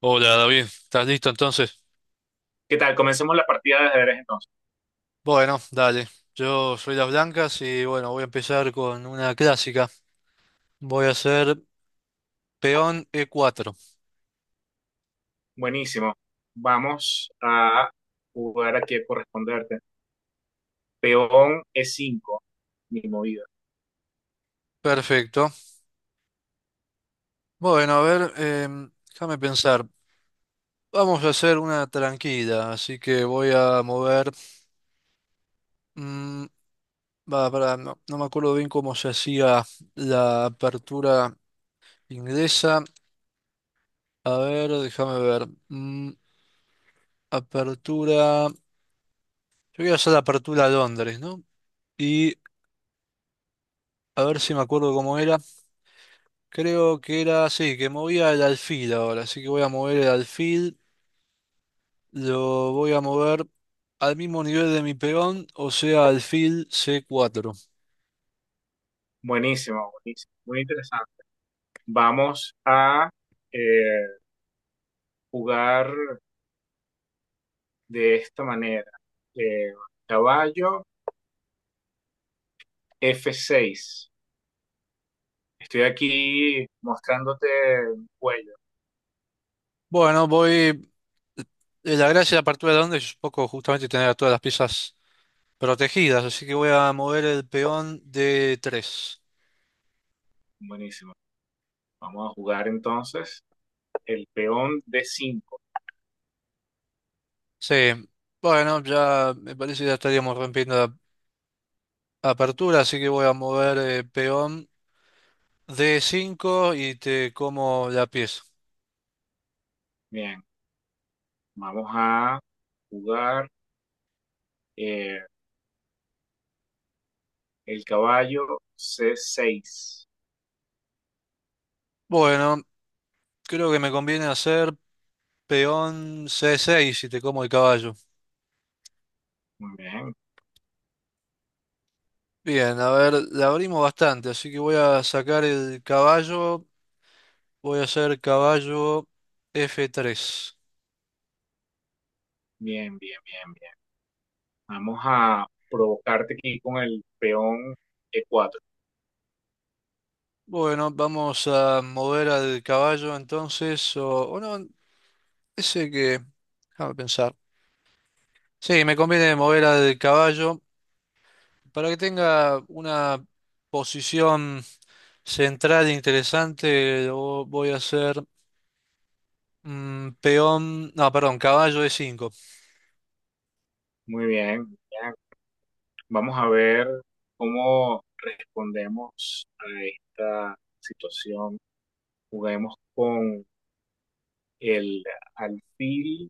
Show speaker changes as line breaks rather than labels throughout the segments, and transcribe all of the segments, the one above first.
Hola David, ¿estás listo entonces?
¿Qué tal? Comencemos la partida de ajedrez entonces.
Bueno, dale. Yo soy Las Blancas y bueno, voy a empezar con una clásica. Voy a hacer peón E4.
Buenísimo. Vamos a jugar aquí a corresponderte. Peón e cinco, mi movida.
Perfecto. Bueno, a ver, déjame pensar. Vamos a hacer una tranquila, así que voy a mover... mm, va, pará, no, no me acuerdo bien cómo se hacía la apertura inglesa. A ver, déjame ver. Apertura... Yo voy a hacer la apertura a Londres, ¿no? Y a ver si me acuerdo cómo era. Creo que era así, que movía el alfil ahora. Así que voy a mover el alfil. Lo voy a mover al mismo nivel de mi peón, o sea, alfil C4.
Buenísimo, buenísimo. Muy interesante. Vamos a eh, jugar de esta manera. Eh, Caballo f seis. Estoy aquí mostrándote el cuello.
Bueno, la gracia de la apertura de donde es un poco justamente tener a todas las piezas protegidas. Así que voy a mover el peón de 3.
Buenísimo. Vamos a jugar entonces el peón d cinco.
Sí. Bueno, ya me parece que ya estaríamos rompiendo la apertura. Así que voy a mover peón D5 y te como la pieza.
Bien, vamos a jugar. Eh, el caballo C6.
Bueno, creo que me conviene hacer peón C6 si te como el caballo.
Muy bien,
Bien, a ver, la abrimos bastante, así que voy a sacar el caballo. Voy a hacer caballo F3.
bien, bien, bien, bien. Vamos a provocarte aquí con el peón E4.
Bueno, vamos a mover al caballo entonces, o no, ese que... Déjame pensar. Sí, me conviene mover al caballo para que tenga una posición central interesante. Lo voy a hacer peón, no, perdón, caballo de 5.
Muy bien, bien. Vamos a ver cómo respondemos a esta situación. Juguemos con el alfil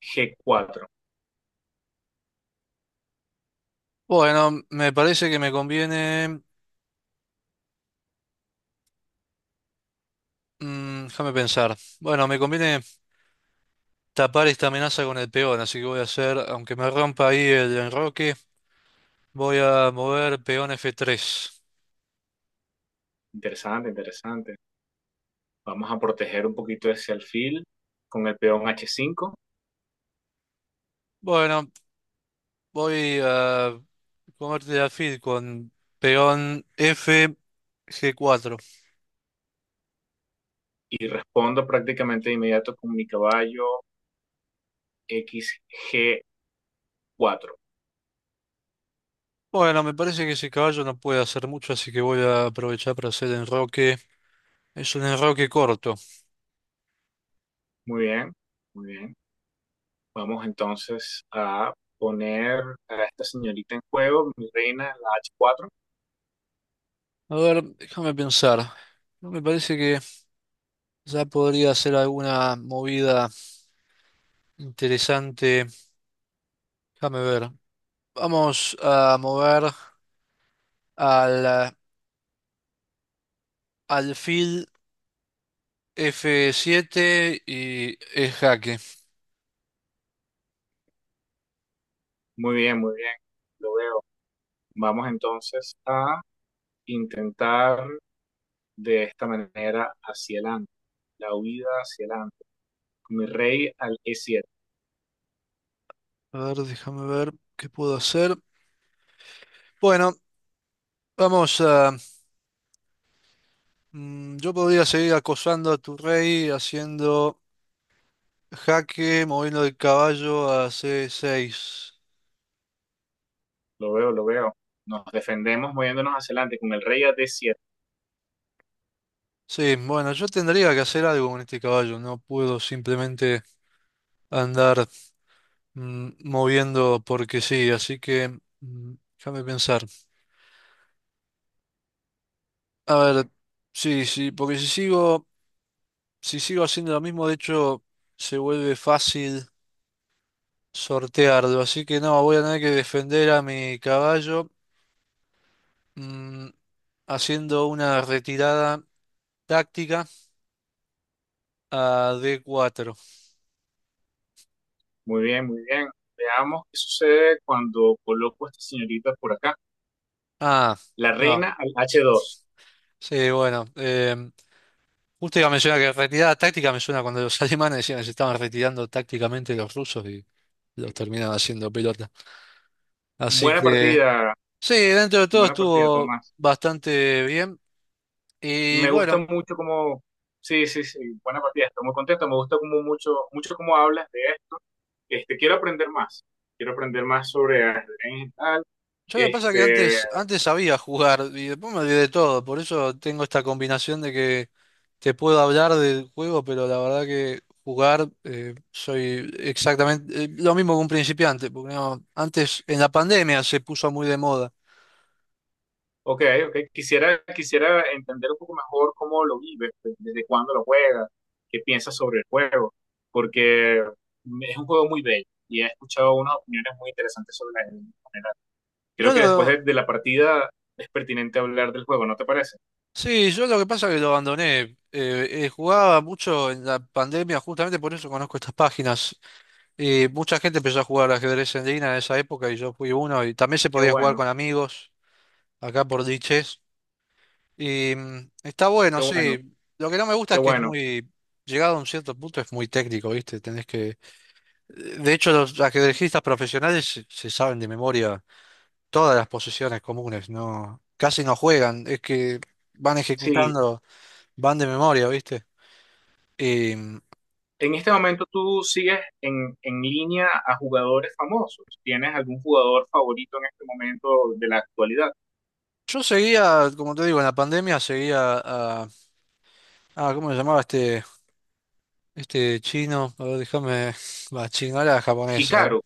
G4.
Bueno, me parece que me conviene, déjame pensar. Bueno, me conviene tapar esta amenaza con el peón, así que voy a hacer, aunque me rompa ahí el enroque, voy a mover peón F3.
Interesante, interesante. Vamos a proteger un poquito ese alfil con el peón H5
Bueno, voy a comerte la alfil con peón F G4.
y respondo prácticamente de inmediato con mi caballo xg cuatro.
Bueno, me parece que ese caballo no puede hacer mucho, así que voy a aprovechar para hacer enroque. Es un enroque corto.
Muy bien, muy bien. Vamos entonces a poner a esta señorita en juego, mi reina, la h cuatro.
A ver, déjame pensar. No me parece que ya podría ser alguna movida interesante. Déjame ver. Vamos a mover al alfil F7 y es jaque.
Muy bien, lo veo. Vamos entonces a intentar de esta manera hacia adelante, la huida hacia adelante, mi rey al e siete.
A ver, déjame ver qué puedo hacer. Bueno, vamos a... yo podría seguir acosando a tu rey haciendo jaque, moviendo el caballo a C6.
Lo veo, lo veo. Nos defendemos moviéndonos hacia adelante con el rey a d siete.
Sí, bueno, yo tendría que hacer algo con este caballo, no puedo simplemente andar moviendo porque sí, así que déjame pensar. A ver, sí, sí, porque si sigo haciendo lo mismo, de hecho, se vuelve fácil sortearlo, así que no, voy a tener que defender a mi caballo mm, haciendo una retirada táctica a d cuatro.
Muy bien, muy bien. Veamos qué sucede cuando coloco a esta señorita por acá.
Ah,
La
no,
reina al h dos.
sí, bueno. Justo iba a mencionar que retirada táctica me suena cuando los alemanes decían que se estaban retirando tácticamente los rusos y los terminaban haciendo pelota. Así
Buena
que,
partida,
sí, dentro de todo
buena partida,
estuvo
Tomás.
bastante bien. Y
Me gusta
bueno,
mucho cómo, sí, sí, sí, buena partida, estoy muy contento, me gusta como mucho, mucho cómo hablas de esto. Este, quiero aprender más sobre ajedrez y tal.
yo lo que pasa es que
Este,
antes sabía jugar y después me olvidé de todo. Por eso tengo esta combinación de que te puedo hablar del juego, pero la verdad que jugar soy exactamente lo mismo que un principiante. Porque no, antes, en la pandemia, se puso muy de moda.
ok, ok, quisiera, quisiera entender un poco mejor cómo lo vives, de- desde cuándo lo juegas, qué piensas sobre el juego, porque es un juego muy bello y he escuchado unas opiniones muy interesantes sobre el ajedrez.
Yo
Creo que después
lo,
de la partida es pertinente hablar del juego, ¿no te parece?
Sí, yo lo que pasa es que lo abandoné. Jugaba mucho en la pandemia, justamente por eso conozco estas páginas. Mucha gente empezó a jugar ajedrez en línea en esa época y yo fui uno. Y también se
Qué
podía jugar
bueno,
con amigos acá por diches. Y está bueno,
qué bueno,
sí. Lo que no me gusta
qué
es que es
bueno.
muy, llegado a un cierto punto, es muy técnico, ¿viste? Tenés que. De hecho, los ajedrecistas profesionales se saben de memoria todas las posiciones comunes, ¿no? Casi no juegan, es que van
Sí,
ejecutando, van de memoria, ¿viste? Em,
en este momento tú sigues en línea a jugadores famosos. ¿Tienes algún jugador favorito en este momento de la actualidad?
yo seguía, como te digo, en la pandemia seguía a... Ah, ¿cómo se llamaba este chino? A ver, déjame... Va, chino, era japonés. A ver.
Hikaru,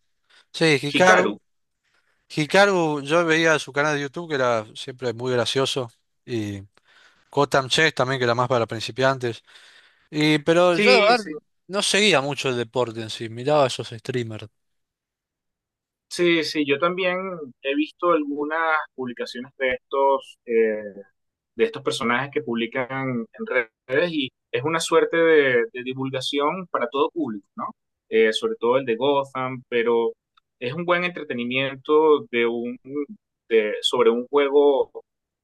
Sí, Hikaru.
Hikaru.
Hikaru, yo veía su canal de YouTube que era siempre muy gracioso. Y Kotam Chess también, que era más para principiantes. Y, pero yo, la
Sí, sí,
verdad, no seguía mucho el deporte en sí. Miraba a esos streamers.
sí, sí. Yo también he visto algunas publicaciones de estos. De estos personajes que publican en redes y es una suerte de divulgación para todo público, ¿no? Sobre todo el de Gotham, pero es un buen entretenimiento de un, de, sobre un juego,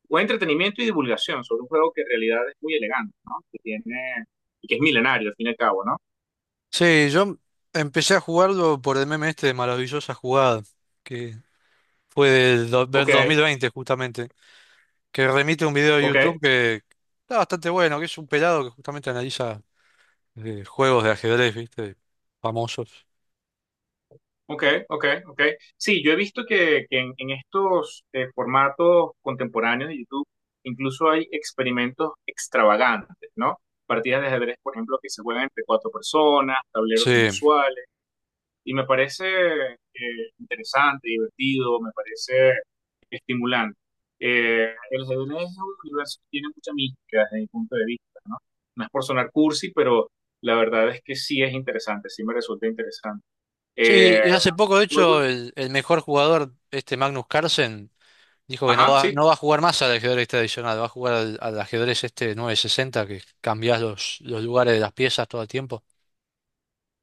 buen entretenimiento y divulgación sobre un juego que en realidad es muy elegante, ¿no? Que tiene, que es milenario al fin y al cabo, ¿no?
Sí, yo empecé a jugarlo por el meme este de Maravillosa Jugada, que fue
Ok,
del 2020 justamente, que remite a un video de
ok,
YouTube que está bastante bueno, que es un pelado que justamente analiza juegos de ajedrez, ¿viste? Famosos.
ok, ok, ok. Sí, yo he visto que en estos formatos contemporáneos de YouTube incluso hay experimentos extravagantes, ¿no? Partidas de ajedrez, por ejemplo, que se juegan entre cuatro personas, tableros
Sí,
inusuales, y me parece interesante, divertido, me parece estimulante. El ajedrez es un universo que tiene mucha mística desde mi punto de vista, ¿no? No es por sonar cursi, pero la verdad es que sí es interesante, sí me resulta interesante.
sí,
Eh,
y hace poco, de hecho, el mejor jugador, este Magnus Carlsen, dijo que no
Ajá,
va,
sí,
no va a jugar más al ajedrez tradicional, va a jugar al, al ajedrez este 960, que cambiás los lugares de las piezas todo el tiempo.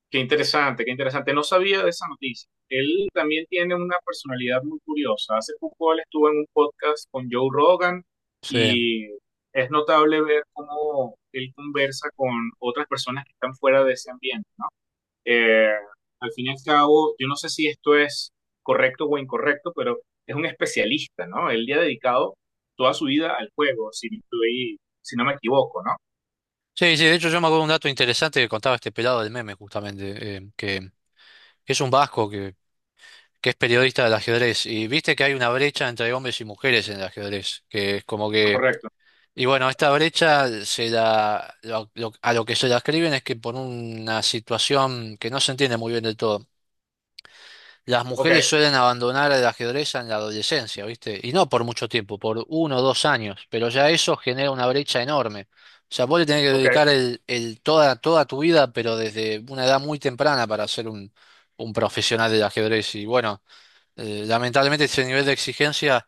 qué interesante, qué interesante. No sabía de esa noticia. Él también tiene una personalidad muy curiosa. Hace poco él estuvo en un podcast con Joe Rogan
Sí.
y es notable ver cómo él conversa con otras personas que están fuera de ese ambiente, ¿no? Eh, al fin y al cabo, yo no sé si esto es correcto o incorrecto, pero es un especialista, ¿no? Él le ha dedicado toda su vida al juego, si, estoy- si no me equivoco, ¿no?
Sí, sí, de hecho yo me acuerdo un dato interesante que contaba este pelado del meme, justamente, que es un vasco que es periodista del ajedrez, y viste que hay una brecha entre hombres y mujeres en el ajedrez, que es como que,
Correcto.
y bueno, esta brecha se la, lo- a lo que se la escriben es que por una situación que no se entiende muy bien del todo, las
Ok,
mujeres suelen abandonar el ajedrez en la adolescencia, ¿viste? Y no por mucho tiempo, por uno o dos años, pero ya eso genera una brecha enorme. O sea, vos le tenés que
ok.
dedicar el toda tu vida, pero desde una edad muy temprana para ser un profesional del ajedrez. Y bueno, lamentablemente ese nivel de exigencia,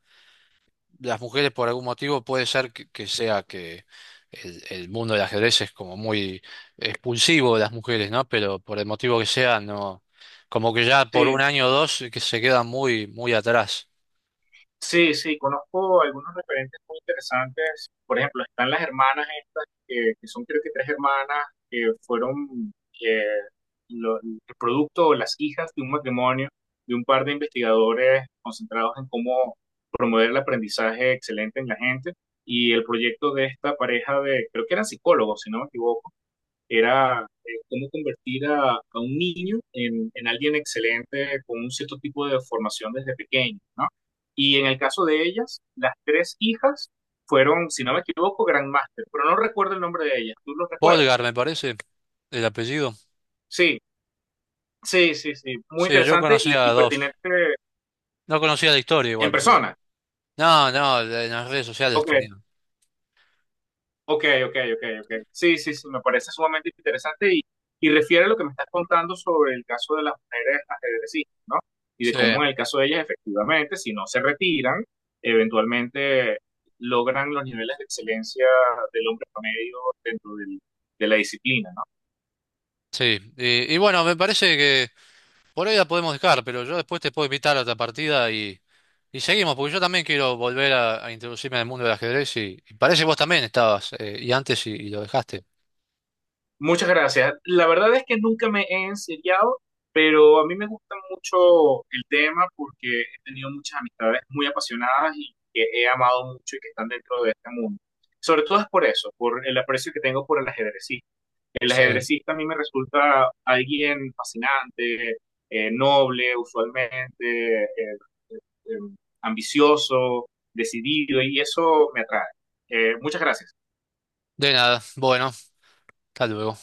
las mujeres por algún motivo puede ser que sea que el mundo del ajedrez es como muy expulsivo de las mujeres, ¿no? Pero por el motivo que sea, no, como que ya por
Sí,
un año o dos que se quedan muy, muy atrás.
sí, sí, conozco algunos referentes muy interesantes. Por ejemplo, están las hermanas estas, que son creo que tres hermanas que fueron eh, lo- el producto o las hijas de un matrimonio de un par de investigadores concentrados en cómo promover el aprendizaje excelente en la gente. Y el proyecto de esta pareja de, creo que eran psicólogos, si no me equivoco era cómo convertir a un niño en alguien excelente con un cierto tipo de formación desde pequeño, ¿no? Y en el caso de ellas, las tres hijas fueron, si no me equivoco, Grandmaster, pero no recuerdo el nombre de ellas, ¿tú lo recuerdas?
Polgar, me parece, el apellido.
Sí, sí, sí, sí, muy
Sí, yo
interesante
conocía
y
a dos.
pertinente
No conocía la historia
en
igual, pero.
persona.
No, no, en las redes sociales
Ok,
tenía.
ok, ok, ok, ok. Sí, sí, sí, me parece sumamente interesante y refiere a lo que me estás contando sobre el caso de las mujeres ajedrecistas, ¿no? Y de
Sí,
cómo en el caso de ellas, efectivamente, si no se retiran, eventualmente logran los niveles de excelencia del hombre promedio dentro del- de la disciplina, ¿no?
sí. Y bueno, me parece que por hoy la podemos dejar, pero yo después te puedo invitar a otra partida. Y seguimos, porque yo también quiero volver a introducirme en el mundo del ajedrez y parece que vos también estabas, y antes y lo dejaste.
Muchas gracias. La verdad es que nunca me he enseriado, pero a mí me gusta mucho el tema porque he tenido muchas amistades muy apasionadas y que he amado mucho y que están dentro de este mundo. Sobre todo es por eso, por el aprecio que tengo por el ajedrecista. El
Sí.
ajedrecista a mí me resulta alguien fascinante, noble usualmente, eh, eh, ambicioso, decidido y eso me atrae. Muchas gracias.
De nada, bueno, hasta luego.